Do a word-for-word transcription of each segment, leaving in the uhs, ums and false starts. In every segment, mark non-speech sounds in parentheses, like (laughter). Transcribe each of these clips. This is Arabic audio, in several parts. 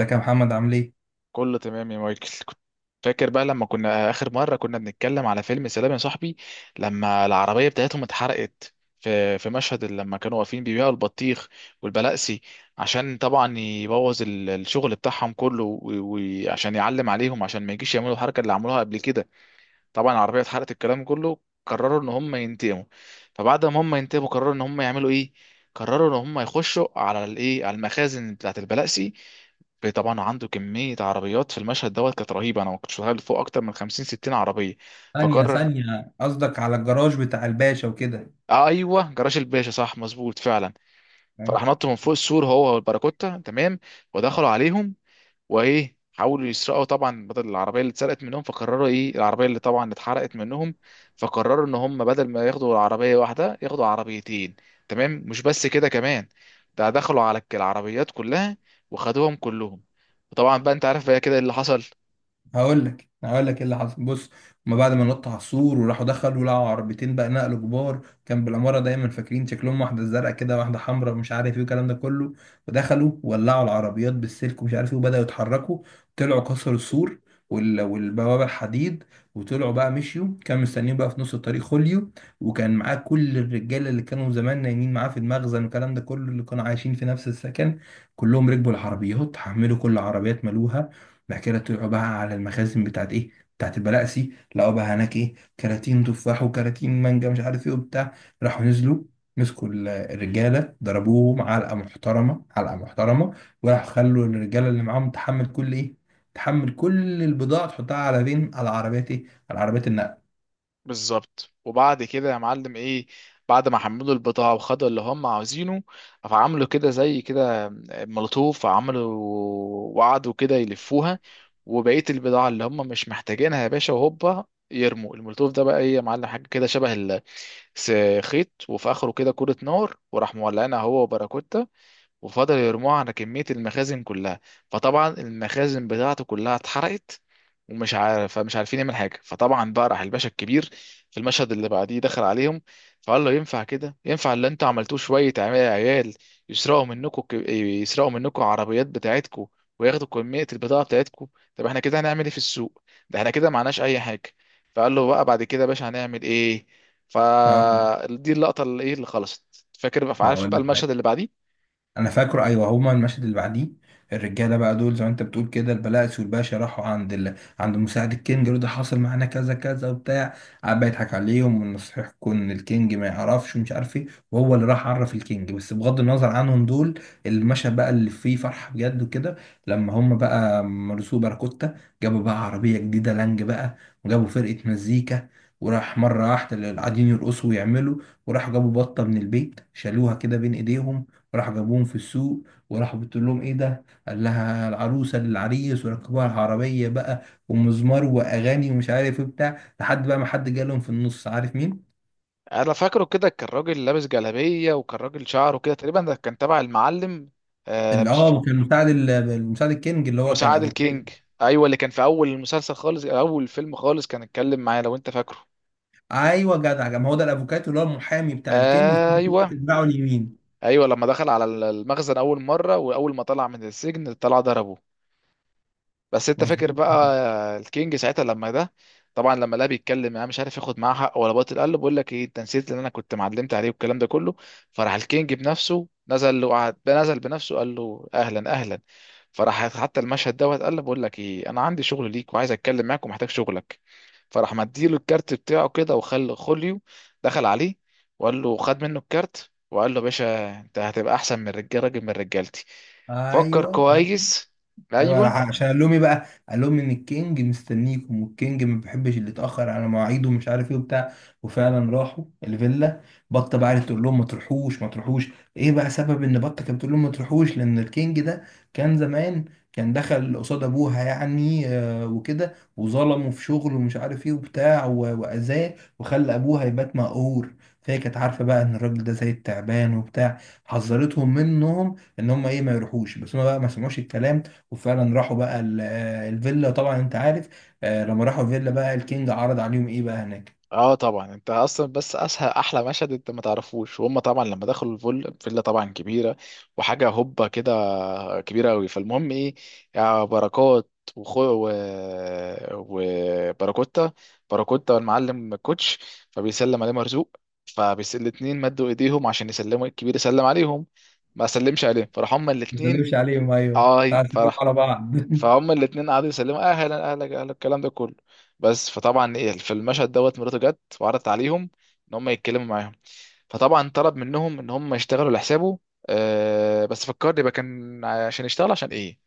ازيك يا محمد، عامل ايه؟ كله تمام يا مايكل. كنت فاكر بقى لما كنا آخر مرة كنا بنتكلم على فيلم سلام يا صاحبي، لما العربية بتاعتهم اتحرقت في في مشهد لما كانوا واقفين بيبيعوا البطيخ والبلاقسي، عشان طبعا يبوظ ال- الشغل بتاعهم كله و- وعشان يعلم عليهم عشان ما يجيش يعملوا الحركة اللي عملوها قبل كده. طبعا العربيه اتحرقت، الكلام كله قرروا ان هم ينتقموا. فبعد ما هم ينتقموا قرروا ان هم يعملوا ايه؟ قرروا ان هم يخشوا على الايه، على المخازن بتاعه البلاسي. طبعا عنده كميه عربيات، في المشهد دوت كانت رهيبه، انا ما كنتش متخيل فوق اكتر من خمسين ستين عربيه. ثانية فقرر. ثانية، قصدك على الجراج بتاع الباشا وكده. آه ايوه، جراج الباشا، صح، مظبوط فعلا. فراح نطوا من فوق السور هو والباراكوتا، تمام، ودخلوا عليهم، وايه، حاولوا يسرقوا طبعا بدل العربيه اللي اتسرقت منهم، فقرروا ايه، العربيه اللي طبعا اتحرقت منهم، فقرروا ان هم بدل ما ياخدوا العربيه واحده ياخدوا عربيتين. تمام، مش بس كده كمان، ده دخلوا على الك- العربيات كلها وخدوهم كلهم. وطبعا بقى انت عارف بقى كده إيه اللي حصل. هقول لك هقول لك ايه اللي حصل. بص، هما بعد ما نط على السور وراحوا دخلوا لقوا عربيتين بقى نقل كبار كان بالعماره، دايما فاكرين شكلهم، واحده زرقاء كده واحده حمراء مش عارف ايه الكلام ده كله. ودخلوا ولعوا العربيات بالسلك ومش عارف ايه، وبداوا يتحركوا. طلعوا كسروا السور وال- والبوابه الحديد، وطلعوا بقى مشيوا، كان مستنيين بقى في نص الطريق خوليو، وكان معاه كل الرجاله اللي كانوا زمان نايمين معاه في المخزن والكلام ده كله، اللي كانوا عايشين في نفس السكن. كلهم ركبوا العربيات، حملوا كل عربيات ملوها. بحكي لها طلعوا بقى على المخازن بتاعت ايه، بتاعت البلاقسي، لقوا بقى هناك ايه، كراتين تفاح وكراتين مانجا مش عارف ايه وبتاع. راحوا نزلوا، مسكوا ال- الرجاله ضربوهم علقه محترمه علقه محترمه. وراحوا خلوا الرجاله اللي معاهم تحمل كل ايه، تحمل كل البضاعه تحطها على فين، على عربيات ايه، على عربيات النقل. بالظبط. وبعد كده يا معلم ايه، بعد ما حملوا البضاعة وخدوا اللي هم عاوزينه، فعملوا كده زي كده مولوتوف عملوا، وقعدوا كده يلفوها، وبقية البضاعة اللي هم مش محتاجينها يا باشا وهوبا يرموا المولوتوف. ده بقى ايه يا معلم؟ حاجة كده شبه الخيط وفي آخره كده كرة نار، وراح مولعينها هو وباراكوتا وفضلوا يرموها على كمية المخازن كلها. فطبعا المخازن بتاعته كلها اتحرقت ومش عارف، فمش عارفين يعمل حاجة. فطبعا بقى راح الباشا الكبير في المشهد اللي بعديه دخل عليهم، فقال له ينفع كده؟ ينفع اللي انتوا عملتوه؟ شوية عم- عيال يسرقوا منكم، ك- يسرقوا منكم عربيات بتاعتكم وياخدوا كمية البضاعة بتاعتكم؟ طب احنا كده هنعمل ايه في السوق؟ ده احنا كده معناش اي حاجة. فقال له بقى بعد كده يا باشا هنعمل ايه؟ اقول فدي اللقطة اللي ايه اللي خلصت. فاكر بقى؟ عارف أقول بقى لك، المشهد اللي بعديه؟ انا فاكره ايوه. هما المشهد اللي بعديه، الرجاله بقى دول زي ما انت بتقول كده، البلاتس والباشا راحوا عند ال... عند مساعد الكينج يقولوا ده حاصل معانا كذا كذا وبتاع. قعد بقى يضحك عليهم ونصيحكم ان الكينج ما يعرفش ومش عارف ايه، وهو اللي راح عرف الكينج. بس بغض النظر عنهم دول، المشهد بقى اللي فيه فرحه بجد وكده، لما هما بقى مرسو باراكوتا جابوا بقى عربيه جديده لانج بقى، وجابوا فرقه مزيكا، وراح مره واحده اللي قاعدين يرقصوا ويعملوا. وراحوا جابوا بطه من البيت، شالوها كده بين ايديهم، راح جابوهم في السوق. وراح بتقول لهم ايه ده، قال لها العروسه للعريس، وركبوها العربيه بقى، ومزمار واغاني ومش عارف ايه بتاع، لحد بقى ما حد جالهم في النص، عارف مين؟ انا فاكره كده، كان راجل لابس جلابيه، وكان راجل شعره كده تقريبا، ده كان تبع المعلم. آه اللي مش في... اه اه كان مساعد ال- المساعد الكينج، اللي هو كان مساعد افوكاتو. الكينج، ايوه، اللي كان في اول المسلسل خالص، اول فيلم خالص كان اتكلم معايا، لو انت فاكره. ايوه جدع، ما هو ده الافوكاتو اللي هو المحامي بتاع الكينج، وفي نفس الوقت ايوه. بتاعه اليمين. ايوه لما دخل على المخزن اول مره واول ما طلع من السجن طلع ضربه. بس انت فاكر مظبوط. بقى الكينج ساعتها لما ده، طبعا لما لا بيتكلم انا مش عارف ياخد معاه حق ولا باطل، قال له بقول لك ايه، انت نسيت اللي انا كنت معلمت عليه والكلام ده كله. فراح الكينج بنفسه نزل له، قعد نزل بنفسه، قال له اهلا اهلا. فراح حتى المشهد دوت قال له بقول لك ايه، انا عندي شغل ليك وعايز اتكلم معاك ومحتاج شغلك. فراح مديله الكارت بتاعه كده، وخل خوليو دخل عليه وقال له خد منه الكارت، وقال له يا باشا انت هتبقى احسن من رجال، راجل من رجالتي. فكر ايوه كويس. ايوه، راح ايوه. عشان قال لهم ايه بقى، قال لهم ان الكينج مستنيكم، والكينج ما بيحبش اللي يتاخر على مواعيده ومش عارف ايه وبتاع. وفعلا راحوا الفيلا. بطه بقى قعدت تقول لهم ما تروحوش ما تروحوش. ايه بقى سبب ان بطه كانت بتقول لهم ما تروحوش؟ لان الكينج ده كان زمان كان دخل قصاد ابوها يعني، آه، وكده، وظلمه في شغله ومش عارف ايه وبتاع و- واذاه، وخلى ابوها يبات مقهور. فهي كانت عارفه بقى ان الراجل ده زي التعبان وبتاع، حذرتهم منهم ان هم ايه ما يروحوش، بس هم بقى ما سمعوش الكلام. وفعلا راحوا بقى ال- آه، الفيلا. طبعا انت عارف، آه، لما راحوا الفيلا بقى الكينج عرض عليهم ايه بقى هناك. اه، طبعا انت اصلا بس اسهل احلى مشهد انت ما تعرفوش، وهم طبعا لما دخلوا الفل فيلا طبعا كبيره وحاجه هوبا كده، كبيره قوي. فالمهم ايه، يا بركات وخو و... وباراكوتا، باراكوتا والمعلم كوتش، فبيسلم عليه مرزوق، فبيس الاتنين مدوا ايديهم عشان يسلموا، الكبير يسلم عليهم، ما سلمش عليه، فراح هما ما الاتنين. سلمش عليهم، ايوه آه، اي راح سلموا فرح. على بعض (laughs) فهم الاتنين قعدوا يسلموا اهلا اهلا اهلا الكلام ده كله. بس فطبعا ايه، في المشهد دوت مراته جت وعرضت عليهم ان هم يتكلموا معاهم، فطبعا طلب منهم ان هم يشتغلوا لحسابه. آه بس فكرني بقى، كان عشان يشتغل عشان ايه؟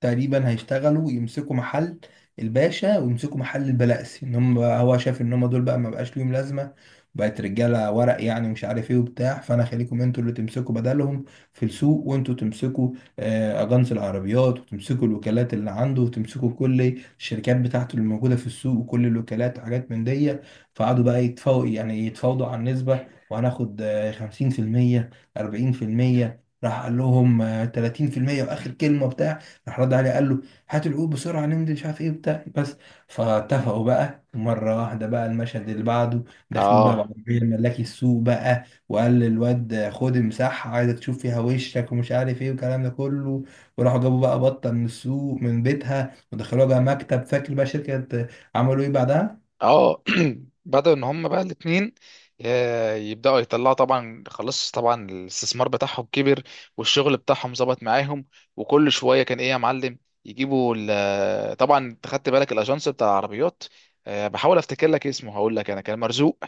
تقريبا هيشتغلوا يمسكوا محل الباشا ويمسكوا محل البلاسي، ان هم بقى هو شايف ان هم دول بقى ما بقاش ليهم لازمه، بقت رجاله ورق يعني ومش عارف ايه وبتاع. فانا خليكم انتوا اللي تمسكوا بدلهم في السوق، وانتوا تمسكوا آه، اجانس العربيات، وتمسكوا الوكالات اللي عنده، وتمسكوا كل الشركات بتاعته اللي موجوده في السوق، وكل الوكالات وحاجات من دي. فقعدوا بقى يتفاوضوا يعني، يتفاوضوا على النسبه، وهناخد آه، خمسين في المية. أربعين في المية. راح قال لهم آه، ثلاثين في المية. واخر كلمه بتاع، راح رد عليه قال له هات العود بسرعه ننزل مش عارف ايه وبتاع، بس. فاتفقوا بقى مره واحده. بقى المشهد اللي بعده، داخلين بقى اه بعربيه الملاكي السوق بقى، وقال للواد خد مساحه عايزك تشوف فيها وشك ومش عارف ايه والكلام ده كله. وراحوا جابوا بقى بطه من السوق من بيتها، ودخلوها بقى مكتب، فاكر بقى شركه. عملوا ايه بعدها؟ اه. (clears throat) بدأوا ان هم بقى الاتنين آه، يبدأوا يطلعوا. طبعا خلاص، طبعا الاستثمار بتاعهم كبر والشغل بتاعهم ظبط معاهم، وكل شوية كان ايه يا معلم، يجيبوا ال- (hesitation) طبعا انت خدت بالك الاجانس بتاع العربيات؟ آه، بحاول افتكر لك اسمه، هقول لك انا، كان مرزوق.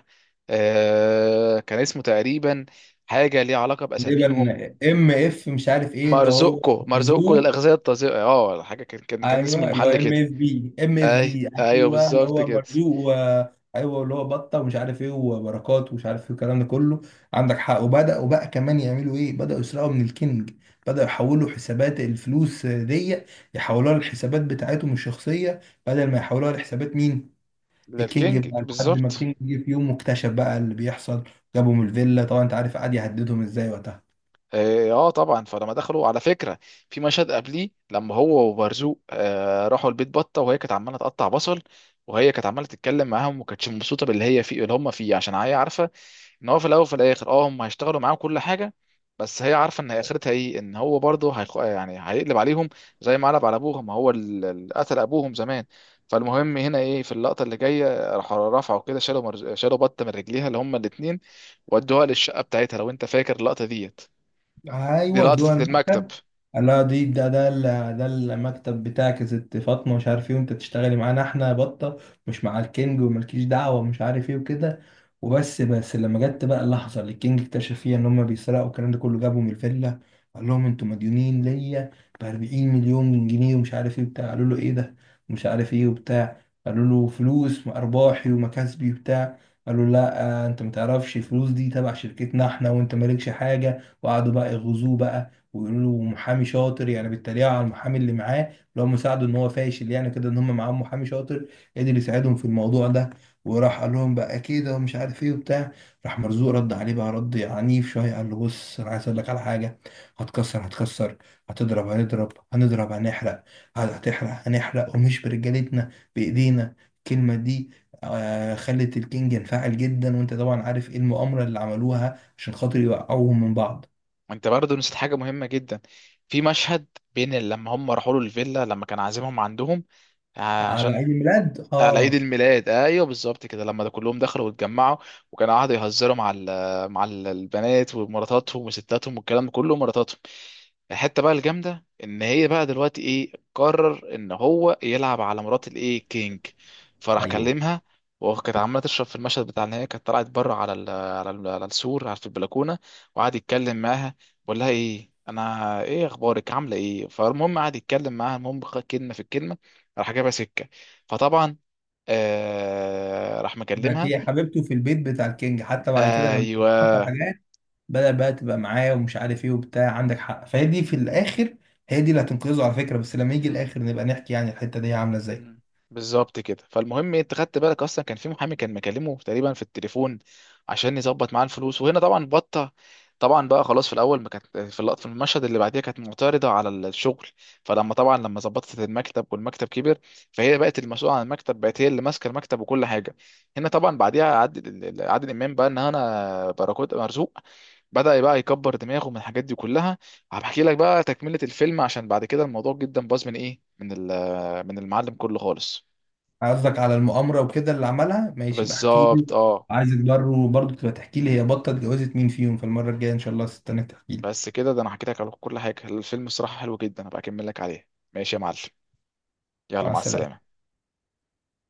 آه، كان اسمه تقريبا حاجة ليها علاقة بأساميهم. تقريبا ام اف مش عارف ايه، اللي هو مرزوقكو، مرزوقكو زو. للأغذية الطازجة، اه حاجة، كان كان كان اسم ايوه اللي هو المحل ام كده. اف بي، ام اف اي بي. ايوه ايوه اللي بالظبط هو كده. مرزوق و... ايوه اللي هو بطه ومش عارف ايه وبركات ومش عارف ايه الكلام ده كله. عندك حق. وبداوا بقى كمان يعملوا ايه، بداوا يسرقوا من الكينج، بداوا يحولوا حسابات الفلوس دي، يحولوها للحسابات بتاعتهم الشخصيه، بدل ما يحولوها لحسابات مين، الكينج. للكينج بقى لحد ما بالظبط. الكينج جه في يوم واكتشف بقى اللي بيحصل، جابهم الفيلا، طبعا انت عارف قعد يهددهم ازاي وقتها. اه آه طبعا. فلما دخلوا على فكره في مشهد قبليه، لما هو وبرزوق آه راحوا البيت بطه، وهي كانت عماله تقطع بصل، وهي كانت عماله تتكلم معاهم، وما كانتش مبسوطه باللي هي فيه، اللي هم فيه، عشان هي عارفه ان هو في الاول وفي الاخر اه هم هيشتغلوا معاهم كل حاجه. بس هي عارفه ان اخرتها ايه، ان هو برضه هيخ... يعني هيقلب عليهم زي ما قلب على ابوهم، ما هو اللي اللي قتل ابوهم زمان. فالمهم هنا ايه، في اللقطه اللي جايه راحوا رفعوا كده، شالوا مرز... شالوا بطه من رجليها اللي هم الاثنين، ودوها للشقه بتاعتها، لو انت فاكر اللقطه ديت. دي ايوه جوه لقطة المكتب. المكتب. قال لها دي ده ده ال- ده المكتب بتاعك يا ست فاطمه مش عارف ايه، وانت تشتغلي معانا احنا بطه، مش مع الكينج وملكيش دعوه ومش عارف ايه وكده. وبس، بس لما جت بقى اللحظه اللي الكينج اكتشف فيها ان هم بيسرقوا والكلام ده كله، جابهم الفيلا. قال لهم انتوا مديونين ليا ب أربعين مليون جنيه ومش عارف ايه وبتاع. قالوا له ايه ده مش عارف ايه وبتاع، قالوا له فلوس وارباحي ومكاسبي وبتاع. قالوا له لا آه، انت ما تعرفش، الفلوس دي تبع شركتنا احنا وانت مالكش حاجه. وقعدوا بقى يغزوه بقى ويقولوا له محامي شاطر، يعني بيتريقوا على المحامي اللي معاه اللي هو مساعده، ان هو فاشل يعني كده، ان هم معاهم محامي شاطر قدر يساعدهم في الموضوع ده. وراح قال لهم بقى كده ومش عارف ايه وبتاع. راح مرزوق رد عليه بقى رد عنيف شويه، قال له بص انا عايز اقول لك على حاجه، هتكسر هتكسر، هتضرب هنضرب هنضرب هنحرق، هتحرق هنحرق، ومش برجالتنا، بايدينا الكلمه دي. آه، خلت الكينج ينفعل جدا، وانت طبعا عارف ايه المؤامره اللي عملوها عشان خاطر يوقعوهم من بعض. وانت برضه نسيت حاجة مهمة جدا، في مشهد بين لما هم راحوا له الفيلا لما كان عازمهم عندهم، آه، على عشان عيد الميلاد على عيد اه، الميلاد. ايوه بالظبط كده، لما ده كلهم دخلوا واتجمعوا، وكانوا قعدوا يهزروا مع ال مع ال- البنات ومراتاتهم وستاتهم والكلام ده كله مراتاتهم. الحته بقى الجامده ان هي بقى دلوقتي ايه، قرر ان هو يلعب على مرات الايه، كينج. فراح ايوه. كلمها، وكانت عماله تشرب في المشهد بتاع ان هي كانت طلعت بره، على ال على ال على السور، على في البلكونه، وقعد يتكلم معاها، بقول لها ايه، انا ايه، اخبارك، عامله ايه. فالمهم قعد يتكلم معاها، المهم خ- كلمه في الكلمه راح جابها سكه. فطبعا آه راح بقت مكلمها. هي حبيبته في البيت بتاع الكينج، حتى بعد كده لما حصل ايوه. حاجات بدأ بقى تبقى معاه ومش عارف ايه وبتاع. عندك حق، فهي دي في الاخر، هي دي اللي هتنقذه على فكره، بس لما يجي الاخر نبقى نحكي يعني الحته دي عامله ازاي. مم. بالظبط كده. فالمهم إيه، انت خدت بالك اصلا كان في محامي كان مكلمه تقريبا في التليفون عشان يظبط معاه الفلوس، وهنا طبعا بطه، طبعا بقى خلاص، في الاول ما كانت في اللقطه في المشهد اللي بعديها كانت معترضه على الشغل، فلما طبعا لما ظبطت المكتب والمكتب كبر، فهي بقت المسؤوله عن المكتب، بقت هي اللي ماسكه المكتب وكل حاجه. هنا طبعا بعديها عادل عادل امام بقى، ان انا بركوت مرزوق، بدأ بقى يكبر دماغه من الحاجات دي كلها. هبحكي لك بقى تكملة الفيلم، عشان بعد كده الموضوع جدا باظ من ايه، من ال، من المعلم كله خالص. قصدك على المؤامره وكده اللي عملها، ماشي بحكي لي. بالظبط اه. عايزك برضه برضه تبقى تحكي لي هي بطه اتجوزت مين فيهم في المره الجايه ان شاء الله، استناك تحكي لي. بس كده، ده انا حكيت لك على كل حاجه، الفيلم الصراحه حلو جدا، هبقى اكمل لك عليه. ماشي يا معلم، يلا مع مع السلامه. السلامه.